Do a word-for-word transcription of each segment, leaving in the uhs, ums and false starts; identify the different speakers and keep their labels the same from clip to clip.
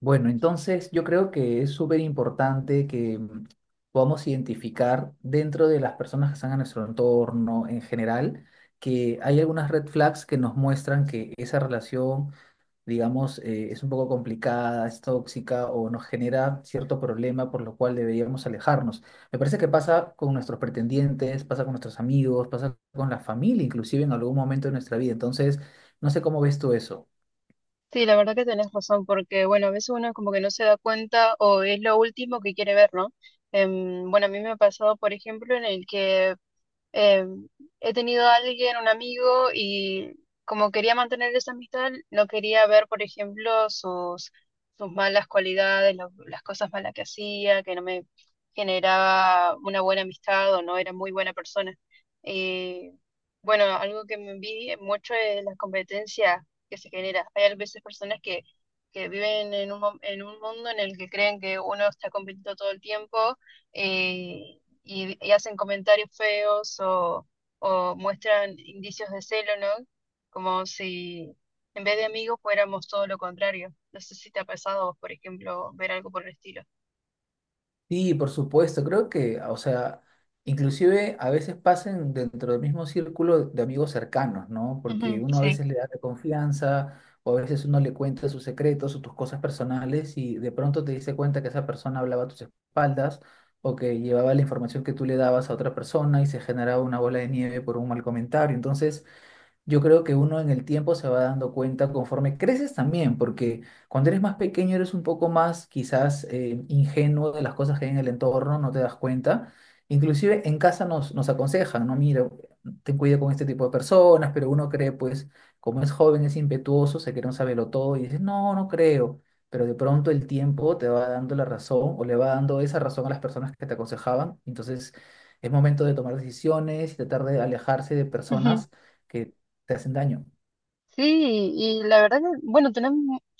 Speaker 1: Bueno, entonces yo creo que es súper importante que mm, podamos identificar dentro de las personas que están en nuestro entorno en general, que hay algunas red flags que nos muestran que esa relación, digamos, eh, es un poco complicada, es tóxica o nos genera cierto problema por lo cual deberíamos alejarnos. Me parece que pasa con nuestros pretendientes, pasa con nuestros amigos, pasa con la familia, inclusive en algún momento de nuestra vida. Entonces, no sé cómo ves tú eso.
Speaker 2: Sí, la verdad que tenés razón, porque bueno, a veces uno como que no se da cuenta o es lo último que quiere ver, ¿no? Em, bueno, a mí me ha pasado, por ejemplo, en el que eh, he tenido a alguien, un amigo, y como quería mantener esa amistad, no quería ver, por ejemplo, sus, sus malas cualidades, lo- las cosas malas que hacía, que no me generaba una buena amistad o no era muy buena persona. Eh, bueno, algo que me envidia mucho es la competencia que se genera. Hay a veces personas que, que viven en un, mo- en un mundo en el que creen que uno está compitiendo todo el tiempo, eh, y, y hacen comentarios feos o, o muestran indicios de celo, ¿no? Como si en vez de amigos fuéramos todo lo contrario. No sé si te ha pasado a vos, por ejemplo, ver algo por el estilo.
Speaker 1: Sí, por supuesto, creo que, o sea, inclusive a veces pasan dentro del mismo círculo de amigos cercanos, ¿no? Porque
Speaker 2: Ujú,
Speaker 1: uno a
Speaker 2: sí.
Speaker 1: veces le da la confianza o a veces uno le cuenta sus secretos o tus cosas personales y de pronto te diste cuenta que esa persona hablaba a tus espaldas o que llevaba la información que tú le dabas a otra persona y se generaba una bola de nieve por un mal comentario. Entonces, yo creo que uno en el tiempo se va dando cuenta conforme creces también, porque cuando eres más pequeño eres un poco más quizás eh, ingenuo de las cosas que hay en el entorno, no te das cuenta. Inclusive en casa nos, nos aconsejan, no, mira, ten cuidado con este tipo de personas, pero uno cree, pues, como es joven, es impetuoso, se quiere un saberlo todo y dice, no, no creo. Pero de pronto el tiempo te va dando la razón o le va dando esa razón a las personas que te aconsejaban. Entonces es momento de tomar decisiones y tratar de alejarse de
Speaker 2: Ujú.
Speaker 1: personas que te hacen daño.
Speaker 2: Sí, y la verdad que, bueno, tenés,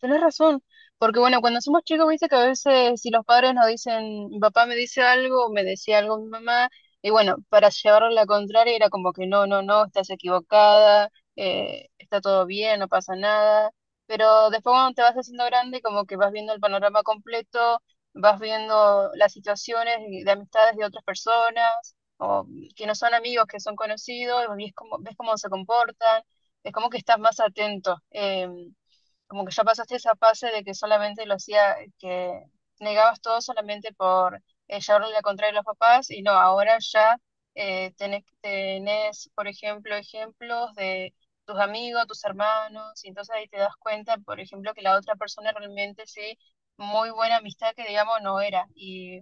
Speaker 2: tenés razón, porque bueno, cuando somos chicos, viste que a veces si los padres nos dicen, "Mi papá me dice algo, o me decía algo mi mamá, y bueno, para llevarlo a la contraria era como que no, no, no, estás equivocada, eh, está todo bien, no pasa nada, pero después cuando te vas haciendo grande, como que vas viendo el panorama completo, vas viendo las situaciones y- de amistades de otras personas, o que no son amigos, que son conocidos, y es como, ves cómo se comportan, es como que estás más atento, eh, como que ya pasaste esa fase de que solamente lo hacía, que negabas todo solamente por eh, llevarle la contraria a los papás y no, ahora ya, eh, tenés, tenés, por ejemplo, ejemplos de tus amigos, tus hermanos, y entonces ahí te das cuenta, por ejemplo, que la otra persona realmente sí, muy buena amistad que digamos no era. Y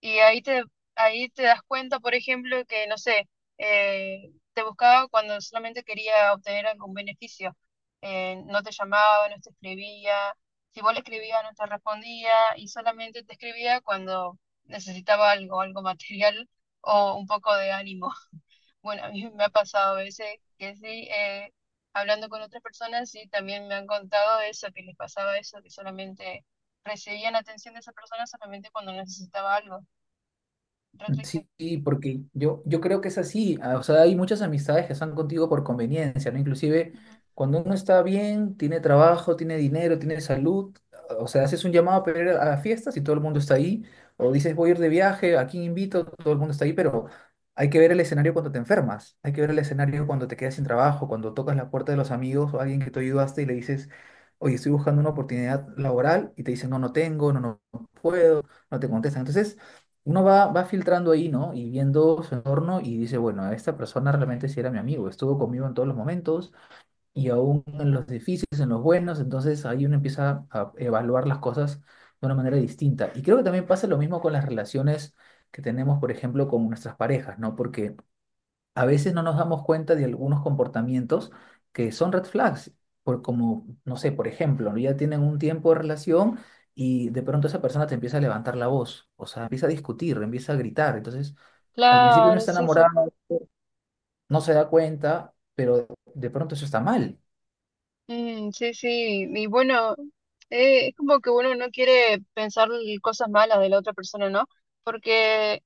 Speaker 2: y ahí te, ahí te das cuenta, por ejemplo, que, no sé, eh, te buscaba cuando solamente quería obtener algún beneficio. Eh, no te llamaba, no te escribía. Si vos le escribías, no te respondía, y solamente te escribía cuando necesitaba algo, algo material o un poco de ánimo. Bueno, a mí me ha pasado a veces que sí, eh, hablando con otras personas, sí, también me han contado eso, que les pasaba eso, que solamente recibían atención de esa persona solamente cuando necesitaba algo.
Speaker 1: Sí,
Speaker 2: Restricción.
Speaker 1: sí, porque yo, yo creo que es así. Ah, o sea, hay muchas amistades que están contigo por conveniencia, ¿no? Inclusive
Speaker 2: Ujú.
Speaker 1: cuando uno está bien, tiene trabajo, tiene dinero, tiene salud, ah, o sea, haces un llamado para ir a a fiestas y todo el mundo está ahí, o dices voy a ir de viaje, aquí invito, todo el mundo está ahí, pero hay que ver el escenario cuando te enfermas, hay que ver el escenario cuando te quedas sin trabajo, cuando tocas la puerta de los amigos o alguien que te ayudaste y le dices, oye, estoy buscando una oportunidad laboral y te dicen, no, no tengo, no, no puedo, no te contestan. Entonces uno va, va filtrando ahí, ¿no? Y viendo su entorno y dice, bueno, esta persona realmente sí era mi amigo, estuvo conmigo en todos los momentos y aún en los difíciles, en los buenos, entonces ahí uno empieza a evaluar las cosas de una manera distinta. Y creo que también pasa lo mismo con las relaciones que tenemos, por ejemplo, con nuestras parejas, ¿no? Porque a veces no nos damos cuenta de algunos comportamientos que son red flags, por como, no sé, por ejemplo, ¿no? Ya tienen un tiempo de relación y de pronto esa persona te empieza a levantar la voz, o sea, empieza a discutir, empieza a gritar, entonces al principio uno
Speaker 2: Claro,
Speaker 1: está
Speaker 2: sí, sí.
Speaker 1: enamorado, no se da cuenta, pero de pronto eso está mal.
Speaker 2: Mm, sí, sí. Y bueno, eh, es como que uno no quiere pensar l- cosas malas de la otra persona, ¿no? Porque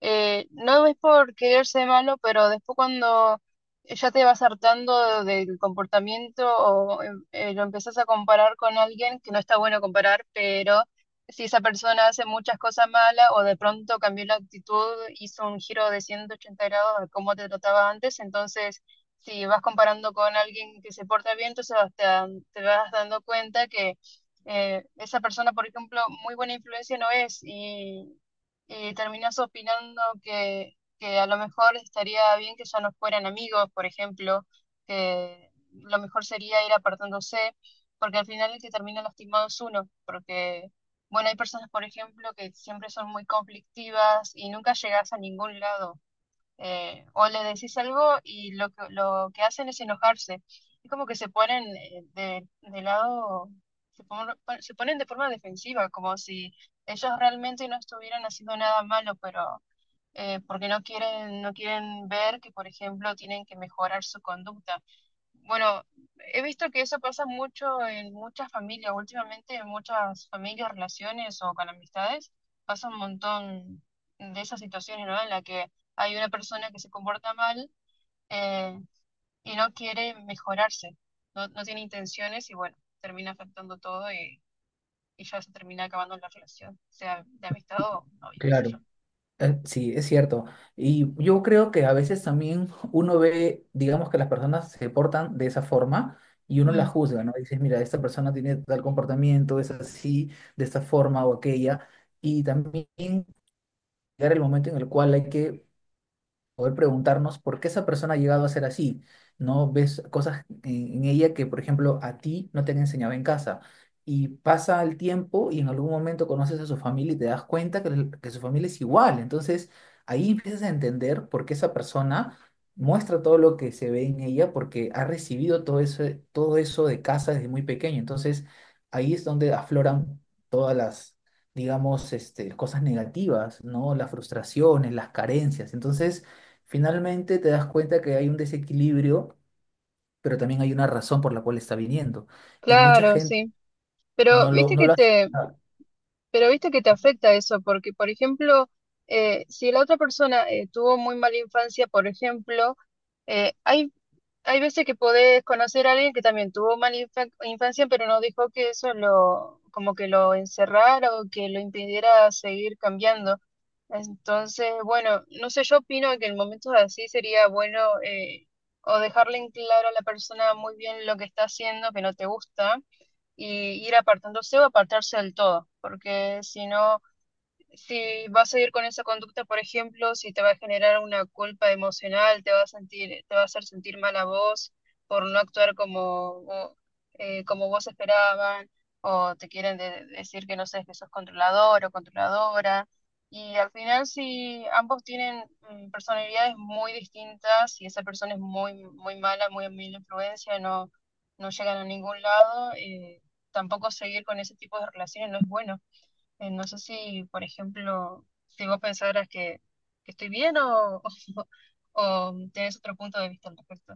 Speaker 2: eh, no es por quererse malo, pero después cuando ya te vas hartando del comportamiento o eh, eh, lo empezás a comparar con alguien, que no está bueno comparar, pero si esa persona hace muchas cosas malas o de pronto cambió la actitud, hizo un giro de ciento ochenta grados a cómo te trataba antes, entonces si vas comparando con alguien que se porta bien, entonces hasta te vas dando cuenta que eh, esa persona, por ejemplo, muy buena influencia no es. Eh, terminás opinando que, que a lo mejor estaría bien que ya no fueran amigos, por ejemplo, que lo mejor sería ir apartándose, porque al final el que termina lastimado es uno, porque, bueno, hay personas, por ejemplo, que siempre son muy conflictivas y nunca llegas a ningún lado, eh, o le decís algo y lo que, lo que hacen es enojarse. Es como que se ponen eh, de, de lado, se, pon- se ponen de forma defensiva, como si ellos realmente no estuvieran haciendo nada malo, pero eh, porque no quieren, no quieren ver que, por ejemplo, tienen que mejorar su conducta. Bueno, he visto que eso pasa mucho en muchas familias, últimamente en muchas familias, relaciones o con amistades, pasa un montón de esas situaciones, ¿no? En la que hay una persona que se comporta mal, eh, y no quiere mejorarse, no, no tiene intenciones y bueno, termina afectando todo y, y ya se termina acabando la relación, sea de amistad o novios, qué sé
Speaker 1: Claro.
Speaker 2: yo.
Speaker 1: Eh, Sí, es cierto. Y yo creo que a veces también uno ve, digamos que las personas se portan de esa forma y uno la
Speaker 2: Mm.
Speaker 1: juzga, ¿no? Dices, mira, esta persona tiene tal comportamiento, es así, de esta forma o aquella. Y también llegar el momento en el cual hay que poder preguntarnos por qué esa persona ha llegado a ser así, ¿no? Ves cosas en, en ella que, por ejemplo, a ti no te han enseñado en casa. Y pasa el tiempo y en algún momento conoces a su familia y te das cuenta que, el- que su familia es igual. Entonces, ahí empiezas a entender por qué esa persona muestra todo lo que se ve en ella porque ha recibido todo eso, todo eso de casa desde muy pequeño. Entonces, ahí es donde afloran todas las, digamos, este, cosas negativas, ¿no? Las frustraciones, las carencias. Entonces, finalmente te das cuenta que hay un desequilibrio, pero también hay una razón por la cual está viniendo. Y mucha
Speaker 2: Claro,
Speaker 1: gente
Speaker 2: sí.
Speaker 1: no
Speaker 2: Pero
Speaker 1: lo,
Speaker 2: viste
Speaker 1: no
Speaker 2: que
Speaker 1: lo hace.
Speaker 2: te, Pero viste que te afecta eso, porque por ejemplo, eh, si la otra persona eh, tuvo muy mala infancia, por ejemplo, eh, hay hay veces que podés conocer a alguien que también tuvo mala infa- infancia, pero no dejó que eso lo, como que lo encerrara o que lo impidiera seguir cambiando. Entonces, bueno, no sé, yo opino que en momentos así sería bueno, eh, o dejarle en claro a la persona muy bien lo que está haciendo, que no te gusta, y ir apartándose o apartarse del todo, porque si no, si vas a ir con esa conducta, por ejemplo, si te va a generar una culpa emocional, te va a sentir, te va a hacer sentir mal a vos por no actuar como, vo- eh, como vos esperaban, o te quieren de- decir que no sé, que sos controlador o controladora. Y al final, si ambos tienen mm, personalidades muy distintas y esa persona es muy, muy mala, muy mala influencia, no, no llegan a ningún lado, eh, tampoco seguir con ese tipo de relaciones no es bueno. Eh, no sé si, por ejemplo, si vos pensaras que, que estoy bien o, o, tienes otro punto de vista al respecto.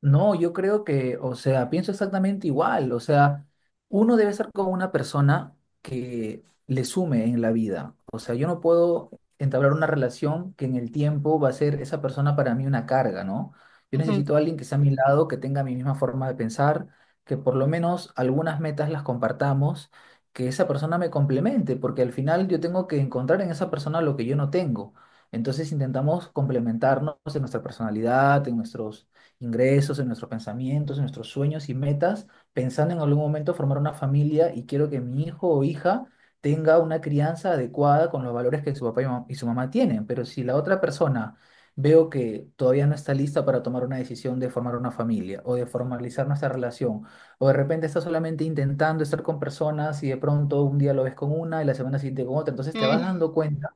Speaker 1: No, yo creo que, o sea, pienso exactamente igual. O sea, uno debe ser como una persona que le sume en la vida. O sea, yo no puedo entablar una relación que en el tiempo va a ser esa persona para mí una carga, ¿no? Yo
Speaker 2: Ujú.
Speaker 1: necesito a alguien que sea a mi lado, que tenga mi misma forma de pensar, que por lo menos algunas metas las compartamos, que esa persona me complemente, porque al final yo tengo que encontrar en esa persona lo que yo no tengo. Entonces intentamos complementarnos en nuestra personalidad, en nuestros ingresos, en nuestros pensamientos, en nuestros sueños y metas, pensando en algún momento formar una familia y quiero que mi hijo o hija tenga una crianza adecuada con los valores que su papá y mam- y su mamá tienen. Pero si la otra persona veo que todavía no está lista para tomar una decisión de formar una familia o de formalizar nuestra relación, o de repente está solamente intentando estar con personas y de pronto un día lo ves con una y la semana siguiente con otra, entonces te vas
Speaker 2: Mm,
Speaker 1: dando cuenta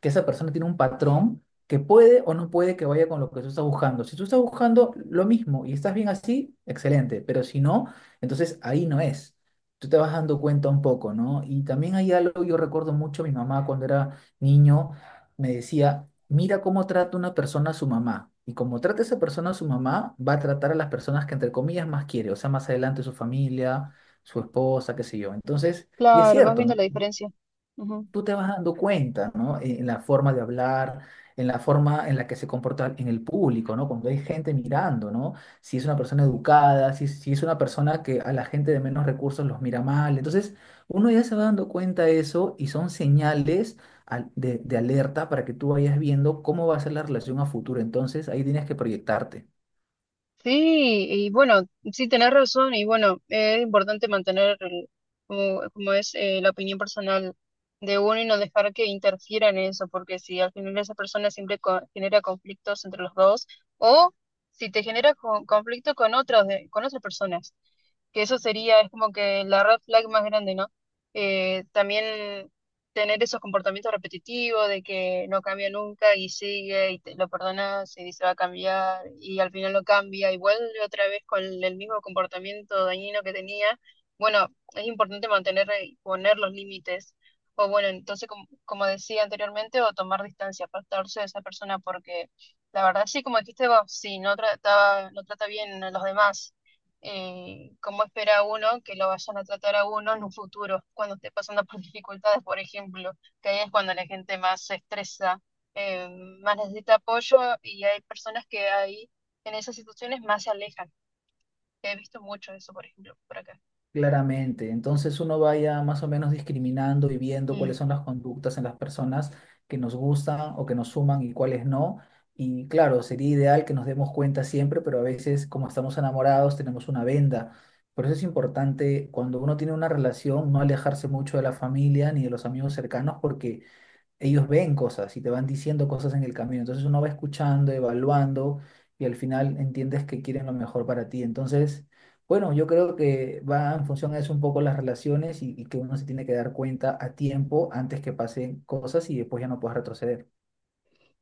Speaker 1: que esa persona tiene un patrón que puede o no puede que vaya con lo que tú estás buscando. Si tú estás buscando lo mismo y estás bien así, excelente, pero si no, entonces ahí no es. Tú te vas dando cuenta un poco, ¿no? Y también hay algo, yo recuerdo mucho, mi mamá cuando era niño me decía, mira cómo trata una persona a su mamá. Y como trata esa persona a su mamá, va a tratar a las personas que entre comillas más quiere, o sea, más adelante su familia, su esposa, qué sé yo. Entonces, y es
Speaker 2: Claro, vas
Speaker 1: cierto,
Speaker 2: viendo
Speaker 1: ¿no?
Speaker 2: la diferencia. Ujú.
Speaker 1: Tú te vas dando cuenta, ¿no? En la forma de hablar, en la forma en la que se comporta en el público, ¿no? Cuando hay gente mirando, ¿no? Si es una persona educada, si, si es una persona que a la gente de menos recursos los mira mal. Entonces, uno ya se va dando cuenta de eso y son señales al- de, de alerta para que tú vayas viendo cómo va a ser la relación a futuro. Entonces, ahí tienes que proyectarte.
Speaker 2: Sí, y bueno, sí, tenés razón, y bueno, eh, es importante mantener el- como, como es, eh, la opinión personal de uno y no dejar que interfiera en eso, porque si al final esa persona siempre co- genera conflictos entre los dos, o si te genera co- conflicto con otros, de- con otras personas, que eso sería, es como que la red flag más grande, ¿no? Eh, también tener esos comportamientos repetitivos de que no cambia nunca y sigue y te lo perdonas y dice va a cambiar y al final lo cambia y vuelve otra vez con el mismo comportamiento dañino que tenía. Bueno, es importante mantener y poner los límites. O bueno, entonces, como, como decía anteriormente, o tomar distancia, apartarse de esa persona porque la verdad sí, como dijiste vos, sí, no trataba, no trata bien a los demás, eh, cómo espera uno que lo vayan a tratar a uno en un futuro, cuando esté pasando por dificultades, por ejemplo, que ahí es cuando la gente más se estresa, eh, más necesita apoyo y hay personas que ahí en esas situaciones más se alejan. He visto mucho eso, por ejemplo, por acá.
Speaker 1: Claramente. Entonces uno vaya más o menos discriminando y viendo cuáles son las conductas en las personas que nos gustan o que nos suman y cuáles no. Y claro, sería ideal que nos demos cuenta siempre, pero a veces como estamos enamorados tenemos una venda. Por eso es importante cuando uno tiene una relación no alejarse mucho de la familia ni de los amigos cercanos porque ellos ven cosas y te van diciendo cosas en el camino. Entonces uno va escuchando, evaluando y al final entiendes que quieren lo mejor para ti. Entonces, bueno, yo creo que va en función a eso un poco las relaciones y, y que uno se tiene que dar cuenta a tiempo antes que pasen cosas y después ya no puedes retroceder.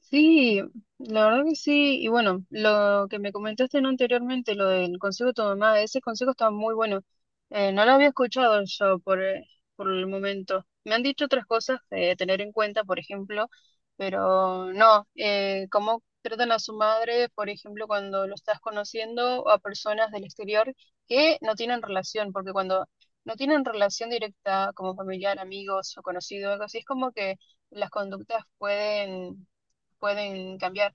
Speaker 2: Sí, la verdad que sí. Y bueno, lo que me comentaste ¿no? anteriormente, lo del consejo de tu mamá, ese consejo está muy bueno. Eh, no lo había escuchado yo por, eh, por el momento. Me han dicho otras cosas de tener en cuenta, por ejemplo, pero no, eh, cómo tratan a su madre, por ejemplo, cuando lo estás conociendo o a personas del exterior que no tienen relación, porque cuando no tienen relación directa como familiar, amigos o conocido, algo así, es como que las conductas pueden pueden cambiar.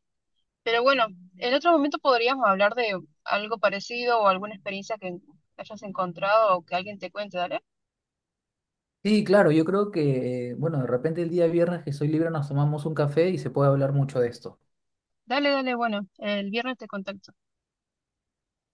Speaker 2: Pero bueno, en otro momento podríamos hablar de algo parecido o alguna experiencia que hayas encontrado o que alguien te cuente, ¿dale?
Speaker 1: Sí, claro, yo creo que, eh, bueno, de repente el día viernes que soy libre nos tomamos un café y se puede hablar mucho de esto.
Speaker 2: Dale, dale, bueno, el viernes te contacto.